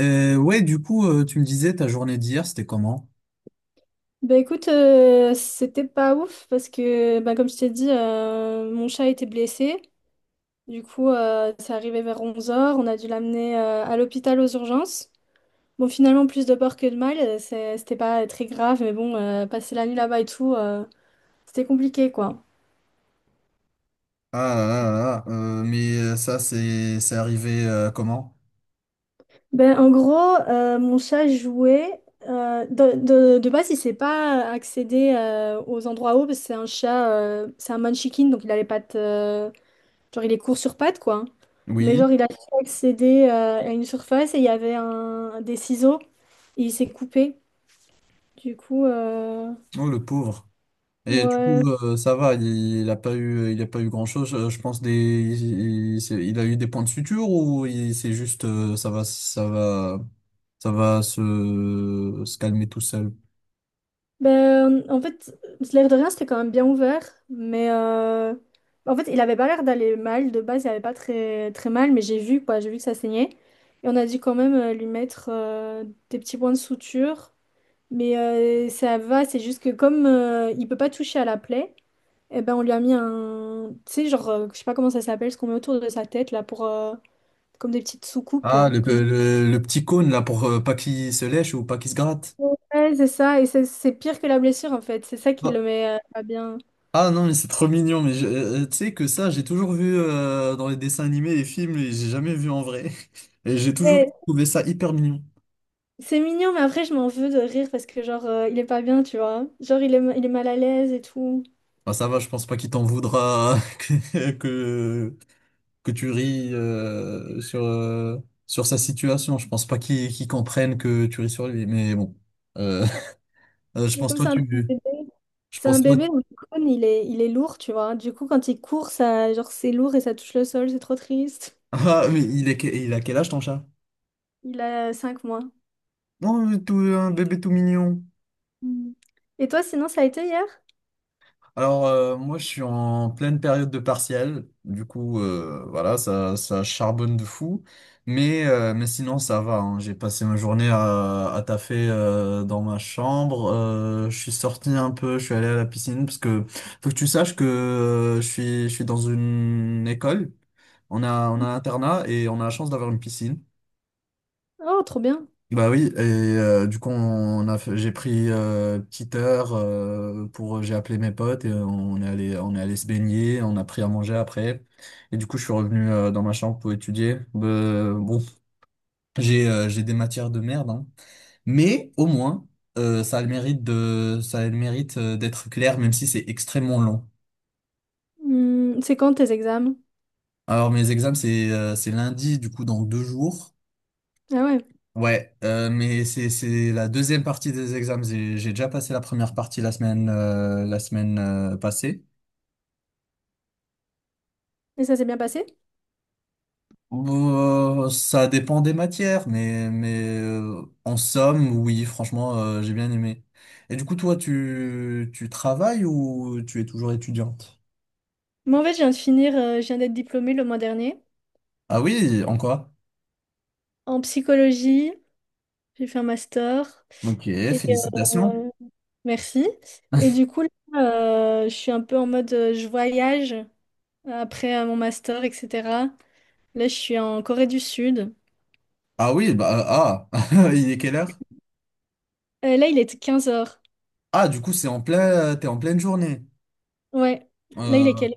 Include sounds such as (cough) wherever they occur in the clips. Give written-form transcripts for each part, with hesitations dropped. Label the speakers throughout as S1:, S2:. S1: Ouais, du coup, tu me disais ta journée d'hier, c'était comment?
S2: Bah écoute, c'était pas ouf parce que, bah, comme je t'ai dit, mon chat était blessé. Du coup, c'est arrivé vers 11h. On a dû l'amener à l'hôpital aux urgences. Bon, finalement, plus de peur que de mal, c'était pas très grave, mais bon, passer la nuit là-bas et tout, c'était compliqué quoi.
S1: Ça, c'est arrivé comment?
S2: Ben en gros, mon chat jouait. De de base, il sait pas accéder aux endroits hauts parce que c'est un chat, c'est un manchikin, donc il a les pattes. Genre, il est court sur pattes, quoi, hein. Mais
S1: Oui.
S2: genre, il a su accéder à une surface et il y avait des ciseaux et il s'est coupé. Du coup,
S1: Oh, le pauvre. Et du
S2: ouais.
S1: coup, ça va, il a pas eu, il a pas eu grand-chose. Je pense des, il a eu des points de suture ou c'est juste, ça va, ça va, ça va se calmer tout seul.
S2: Ben, en fait, l'air de rien, c'était quand même bien ouvert. Mais en fait, il avait pas l'air d'aller mal. De base, il avait pas très, très mal, mais j'ai vu, quoi. J'ai vu que ça saignait. Et on a dû quand même lui mettre des petits points de suture. Mais ça va, c'est juste que comme il peut pas toucher à la plaie. Eh ben, on lui a mis un. Tu sais, genre, je sais pas comment ça s'appelle, ce qu'on met autour de sa tête, là, pour. Comme des petites soucoupes,
S1: Ah,
S2: là.
S1: le, le petit cône là pour pas qu'il se lèche ou pas qu'il se gratte.
S2: Ouais, c'est ça. Et c'est pire que la blessure, en fait. C'est ça qui le met pas bien.
S1: Ah non, mais c'est trop mignon, mais tu sais que ça, j'ai toujours vu dans les dessins animés, les films, et j'ai jamais vu en vrai. (laughs) Et j'ai toujours
S2: Ouais,
S1: trouvé ça hyper mignon.
S2: c'est mignon, mais après, je m'en veux de rire parce que, genre, il est pas bien, tu vois. Genre, il est mal à l'aise et tout.
S1: Enfin, ça va, je pense pas qu'il t'en voudra (laughs) que tu ris sur sa situation. Je pense pas qu'il comprenne que tu ris sur lui, mais bon. Euh, (laughs) je
S2: Mais
S1: pense
S2: comme
S1: toi,
S2: c'est un petit
S1: tu...
S2: bébé,
S1: Je
S2: c'est un
S1: pense toi...
S2: bébé, donc
S1: (laughs)
S2: le cône, il est lourd, tu vois. Du coup, quand il court, ça, genre, c'est lourd et ça touche le sol, c'est trop triste.
S1: Ah, mais il a quel âge ton chat?
S2: Il a 5 mois.
S1: Non, mais tout, un bébé tout mignon.
S2: Mm. Et toi, sinon, ça a été hier?
S1: Alors, moi, je suis en pleine période de partiel. Du coup, voilà, ça charbonne de fou. Mais sinon, ça va, hein. J'ai passé ma journée à taffer dans ma chambre. Je suis sorti un peu, je suis allé à la piscine parce que faut que tu saches que je suis dans une école. On a un internat et on a la chance d'avoir une piscine.
S2: Oh, trop bien.
S1: Bah oui, et du coup j'ai pris une petite heure pour j'ai appelé mes potes et on est allé se baigner, on a pris à manger après et du coup je suis revenu dans ma chambre pour étudier. Bon, j'ai des matières de merde, hein. Mais au moins ça a le mérite de ça a le mérite d'être clair même si c'est extrêmement long.
S2: Hmm, c'est quand tes examens?
S1: Alors mes examens c'est lundi, du coup dans deux jours.
S2: Ah ouais.
S1: Ouais, mais c'est la deuxième partie des examens. J'ai déjà passé la première partie la semaine passée.
S2: Et ça s'est bien passé?
S1: Ça dépend des matières, mais en somme, oui, franchement, j'ai bien aimé. Et du coup, toi, tu travailles ou tu es toujours étudiante?
S2: Moi, en fait, je viens de finir, je viens d'être diplômée le mois dernier.
S1: Ah oui, en quoi?
S2: En psychologie, j'ai fait un master.
S1: Ok,
S2: Et
S1: félicitations.
S2: euh, merci. Et du coup, là, je suis un peu en mode, je voyage après mon master, etc. Là, je suis en Corée du Sud.
S1: Ah oui, bah ah, (laughs) il est quelle heure?
S2: Là, il est 15h.
S1: Ah, du coup, c'est en plein, t'es en pleine journée.
S2: Ouais. Là,
S1: Euh,
S2: il est quel?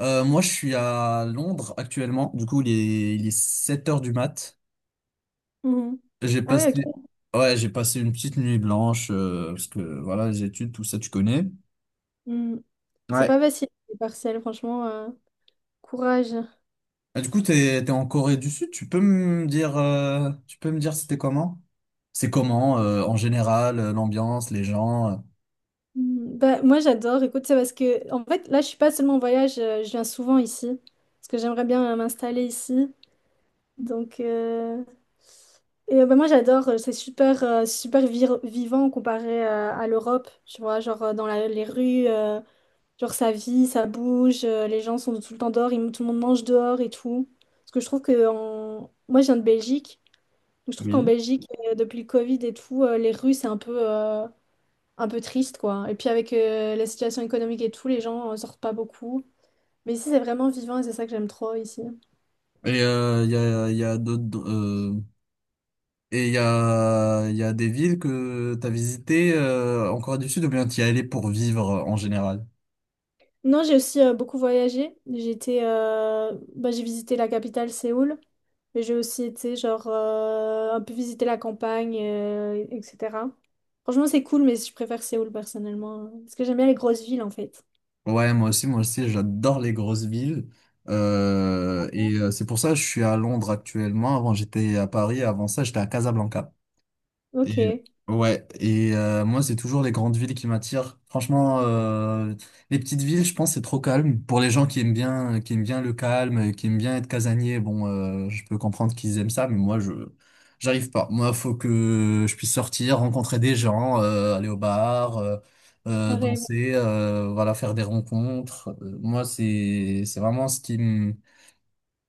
S1: Moi, je suis à Londres actuellement. Du coup, il est 7 heures du mat.
S2: Mhm.
S1: J'ai
S2: Ah ouais,
S1: passé,
S2: ok.
S1: ouais, j'ai passé une petite nuit blanche, parce que voilà, les études, tout ça, tu connais.
S2: Mhm. C'est
S1: Ouais.
S2: pas facile, les partiels, franchement. Courage.
S1: Ah, du coup, t'es en Corée du Sud. Tu peux me dire c'était comment? C'est comment, en général, l'ambiance, les gens?
S2: Mhm. Bah, moi, j'adore. Écoute, c'est parce que, en fait, là, je suis pas seulement en voyage, je viens souvent ici. Parce que j'aimerais bien m'installer ici. Donc, bah, moi, j'adore. C'est super, vivant comparé à l'Europe. Tu vois, genre les rues, genre ça vit, ça bouge. Les gens sont tout le temps dehors, tout le monde mange dehors et tout. Parce que je trouve que moi, je viens de Belgique. Donc, je trouve qu'en
S1: Oui.
S2: Belgique, depuis le Covid et tout, les rues, c'est un peu triste, quoi. Et puis avec la situation économique et tout, les gens sortent pas beaucoup. Mais ici, c'est vraiment vivant et c'est ça que j'aime trop ici.
S1: Et il y a d'autres, il y a des villes que t'as visitées, en Corée du Sud, ou bien t'y es allé pour vivre en général?
S2: Non, j'ai aussi beaucoup voyagé. J'étais, bah, j'ai visité la capitale, Séoul. Mais j'ai aussi été, genre, un peu visiter la campagne, etc. Franchement, c'est cool, mais je préfère Séoul personnellement, hein. Parce que j'aime bien les grosses villes, en fait.
S1: Ouais, moi aussi, j'adore les grosses villes. C'est pour ça que je suis à Londres actuellement. Avant, j'étais à Paris. Avant ça, j'étais à Casablanca. Et,
S2: Ok.
S1: ouais, et moi, c'est toujours les grandes villes qui m'attirent. Les petites villes, je pense, c'est trop calme. Pour les gens qui aiment bien le calme, qui aiment bien être casanier, bon, je peux comprendre qu'ils aiment ça, mais j'arrive pas. Moi, faut que je puisse sortir, rencontrer des gens, aller au bar,
S2: Pareil.
S1: danser, voilà, faire des rencontres. C'est vraiment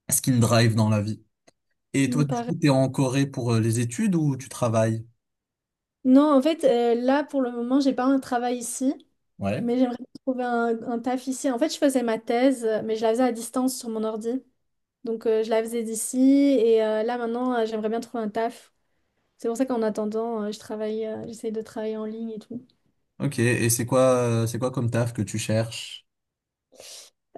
S1: ce qui me drive dans la vie. Et toi,
S2: Mm,
S1: du
S2: pareil.
S1: coup, t'es en Corée pour les études ou tu travailles?
S2: Non, en fait, là, pour le moment, j'ai pas un travail ici,
S1: Ouais.
S2: mais j'aimerais bien trouver un taf ici. En fait, je faisais ma thèse, mais je la faisais à distance sur mon ordi. Donc, je la faisais d'ici, et là, maintenant, j'aimerais bien trouver un taf. C'est pour ça qu'en attendant, je travaille, j'essaye de travailler en ligne et tout.
S1: Ok, et c'est quoi comme taf que tu cherches?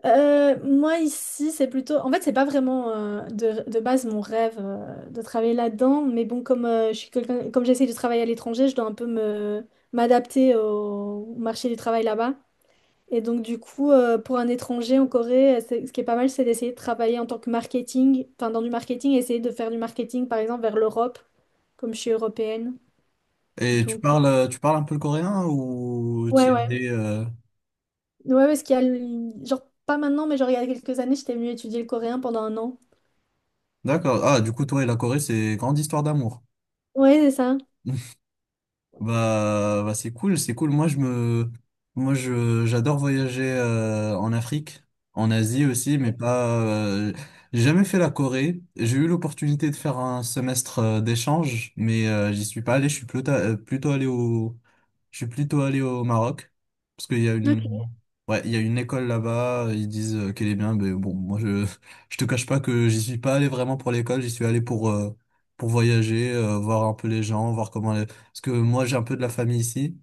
S2: Moi, ici, c'est plutôt... En fait, c'est pas vraiment de base mon rêve de travailler là-dedans, mais bon, comme, je suis quelqu'un, comme j'essaye de travailler à l'étranger, je dois un peu me m'adapter au marché du travail là-bas. Et donc, du coup, pour un étranger en Corée, ce qui est pas mal, c'est d'essayer de travailler en tant que marketing, enfin, dans du marketing, essayer de faire du marketing, par exemple, vers l'Europe, comme je suis européenne.
S1: Et
S2: Donc,
S1: tu parles un peu le coréen ou t'y
S2: ouais,
S1: es
S2: ouais.
S1: allé,
S2: Ouais, ouais, parce qu'il y a, genre, pas maintenant, mais genre, il y a quelques années, j'étais venue étudier le coréen pendant un an.
S1: D'accord. Ah, du coup, toi et la Corée, c'est grande histoire d'amour.
S2: Ouais, c'est ça.
S1: Bah, bah c'est cool, c'est cool. Moi je j'adore voyager en Afrique, en Asie aussi, mais pas j'ai jamais fait la Corée. J'ai eu l'opportunité de faire un semestre d'échange, mais j'y suis pas allé, je suis plutôt plutôt allé au je suis plutôt allé au Maroc parce qu'il y a
S2: Ok.
S1: une ouais, il y a une école là-bas, ils disent qu'elle est bien, mais bon, moi je te cache pas que j'y suis pas allé vraiment pour l'école, j'y suis allé pour voyager, voir un peu les gens, voir comment parce que moi, j'ai un peu de la famille ici.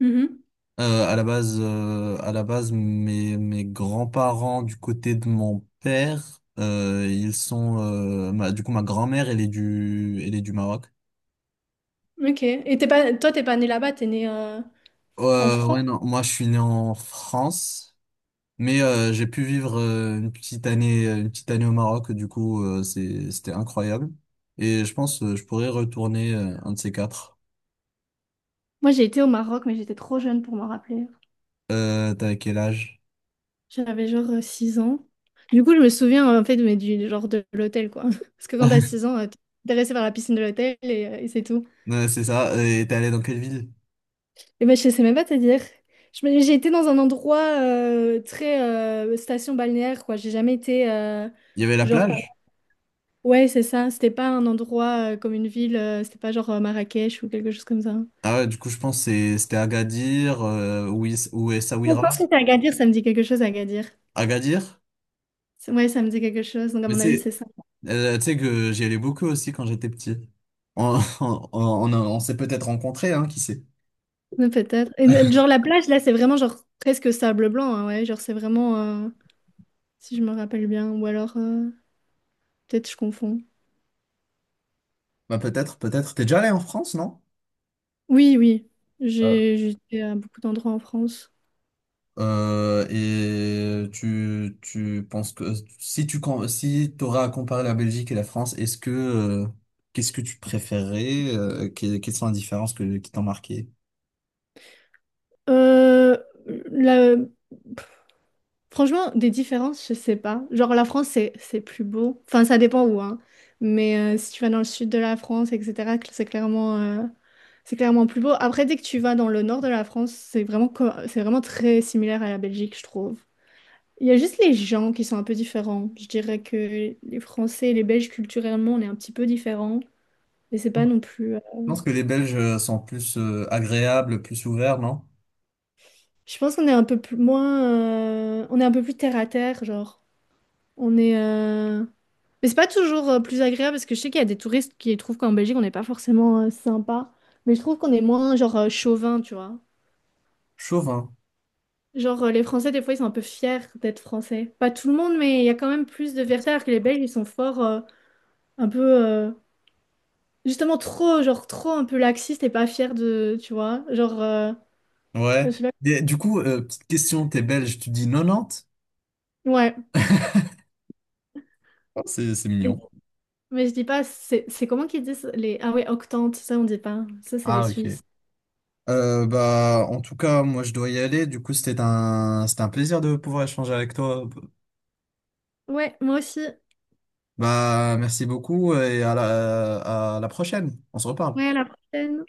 S2: Mhm.
S1: À la base, mes grands-parents du côté de mon père, ils sont, ma- du coup, ma grand-mère, elle est du Maroc.
S2: Ok. Et t'es pas, toi, t'es pas née là-bas, t'es née en France?
S1: Ouais, non, moi, je suis né en France, mais j'ai pu vivre une petite année au Maroc. Du coup, c'était incroyable. Et je pense, je pourrais retourner un de ces quatre.
S2: Moi, j'ai été au Maroc, mais j'étais trop jeune pour m'en rappeler.
S1: T'as quel âge?
S2: J'avais genre 6 ans. Du coup, je me souviens en fait mais du genre de l'hôtel quoi. (laughs) Parce que quand t'as
S1: (laughs)
S2: 6 ans, t'es intéressé par la piscine de l'hôtel et c'est tout.
S1: Ouais, c'est ça. Et t'es allé dans quelle ville?
S2: Et ben je sais même pas te dire. J'ai été dans un endroit très station balnéaire quoi. J'ai jamais été
S1: Il y avait la
S2: genre
S1: plage?
S2: ouais, c'est ça, c'était pas un endroit comme une ville, c'était pas genre Marrakech ou quelque chose comme ça.
S1: Ah ouais, du coup, je pense que c'était Agadir ou, ou
S2: Je pense
S1: Essaouira.
S2: que c'est Agadir, ça me dit quelque chose Agadir.
S1: Agadir?
S2: Ouais, ça me dit quelque chose. Donc à
S1: Mais
S2: mon avis,
S1: c'est,
S2: c'est ça.
S1: tu sais que j'y allais beaucoup aussi quand j'étais petit. (laughs) On s'est peut-être rencontrés, hein, qui sait?
S2: Ouais, peut-être. Et, genre la plage, là, c'est vraiment genre presque sable blanc, hein, ouais. Genre c'est vraiment, si je me rappelle bien, ou alors peut-être je confonds.
S1: Bah peut-être, peut-être. T'es déjà allé en France, non?
S2: Oui, oui.
S1: Euh,
S2: J'étais à beaucoup d'endroits en France.
S1: et tu, tu penses que si si t'auras à comparer la Belgique et la France, est-ce que qu'est-ce que tu préférerais? Quelles sont les différences qui t'ont marqué?
S2: Euh, la- Franchement, des différences, je sais pas. Genre la France, c'est plus beau. Enfin, ça dépend où, hein. Mais si tu vas dans le sud de la France, etc., c'est clairement plus beau. Après, dès que tu vas dans le nord de la France, c'est vraiment très similaire à la Belgique, je trouve. Il y a juste les gens qui sont un peu différents. Je dirais que les Français et les Belges, culturellement, on est un petit peu différents. Mais c'est pas non plus.
S1: Je pense que les Belges sont plus agréables, plus ouverts, non?
S2: Je pense qu'on est un peu plus moins. On est un peu plus terre à terre, genre. On est. Mais c'est pas toujours plus agréable parce que je sais qu'il y a des touristes qui trouvent qu'en Belgique, on n'est pas forcément sympa. Mais je trouve qu'on est moins, genre, chauvin, tu vois.
S1: Chauvin.
S2: Genre, les Français, des fois, ils sont un peu fiers d'être Français. Pas tout le monde, mais il y a quand même plus de fierté alors que les Belges, ils sont forts, un peu. Justement, trop, genre, trop un peu laxiste et pas fière de, tu vois, genre, je
S1: Ouais.
S2: sais
S1: Et du coup, petite question, t'es belge, tu dis 90?
S2: pas. Ouais.
S1: Ah, c'est mignon.
S2: Mais je dis pas, c'est comment qu'ils disent les... Ah ouais, octante, ça on dit pas. Ça, c'est les
S1: Ah, ok.
S2: Suisses.
S1: Bah, en tout cas, moi, je dois y aller. Du coup, c'était un plaisir de pouvoir échanger avec toi.
S2: Ouais, moi aussi.
S1: Bah, merci beaucoup et à la prochaine. On se reparle.
S2: Ouais, à la prochaine.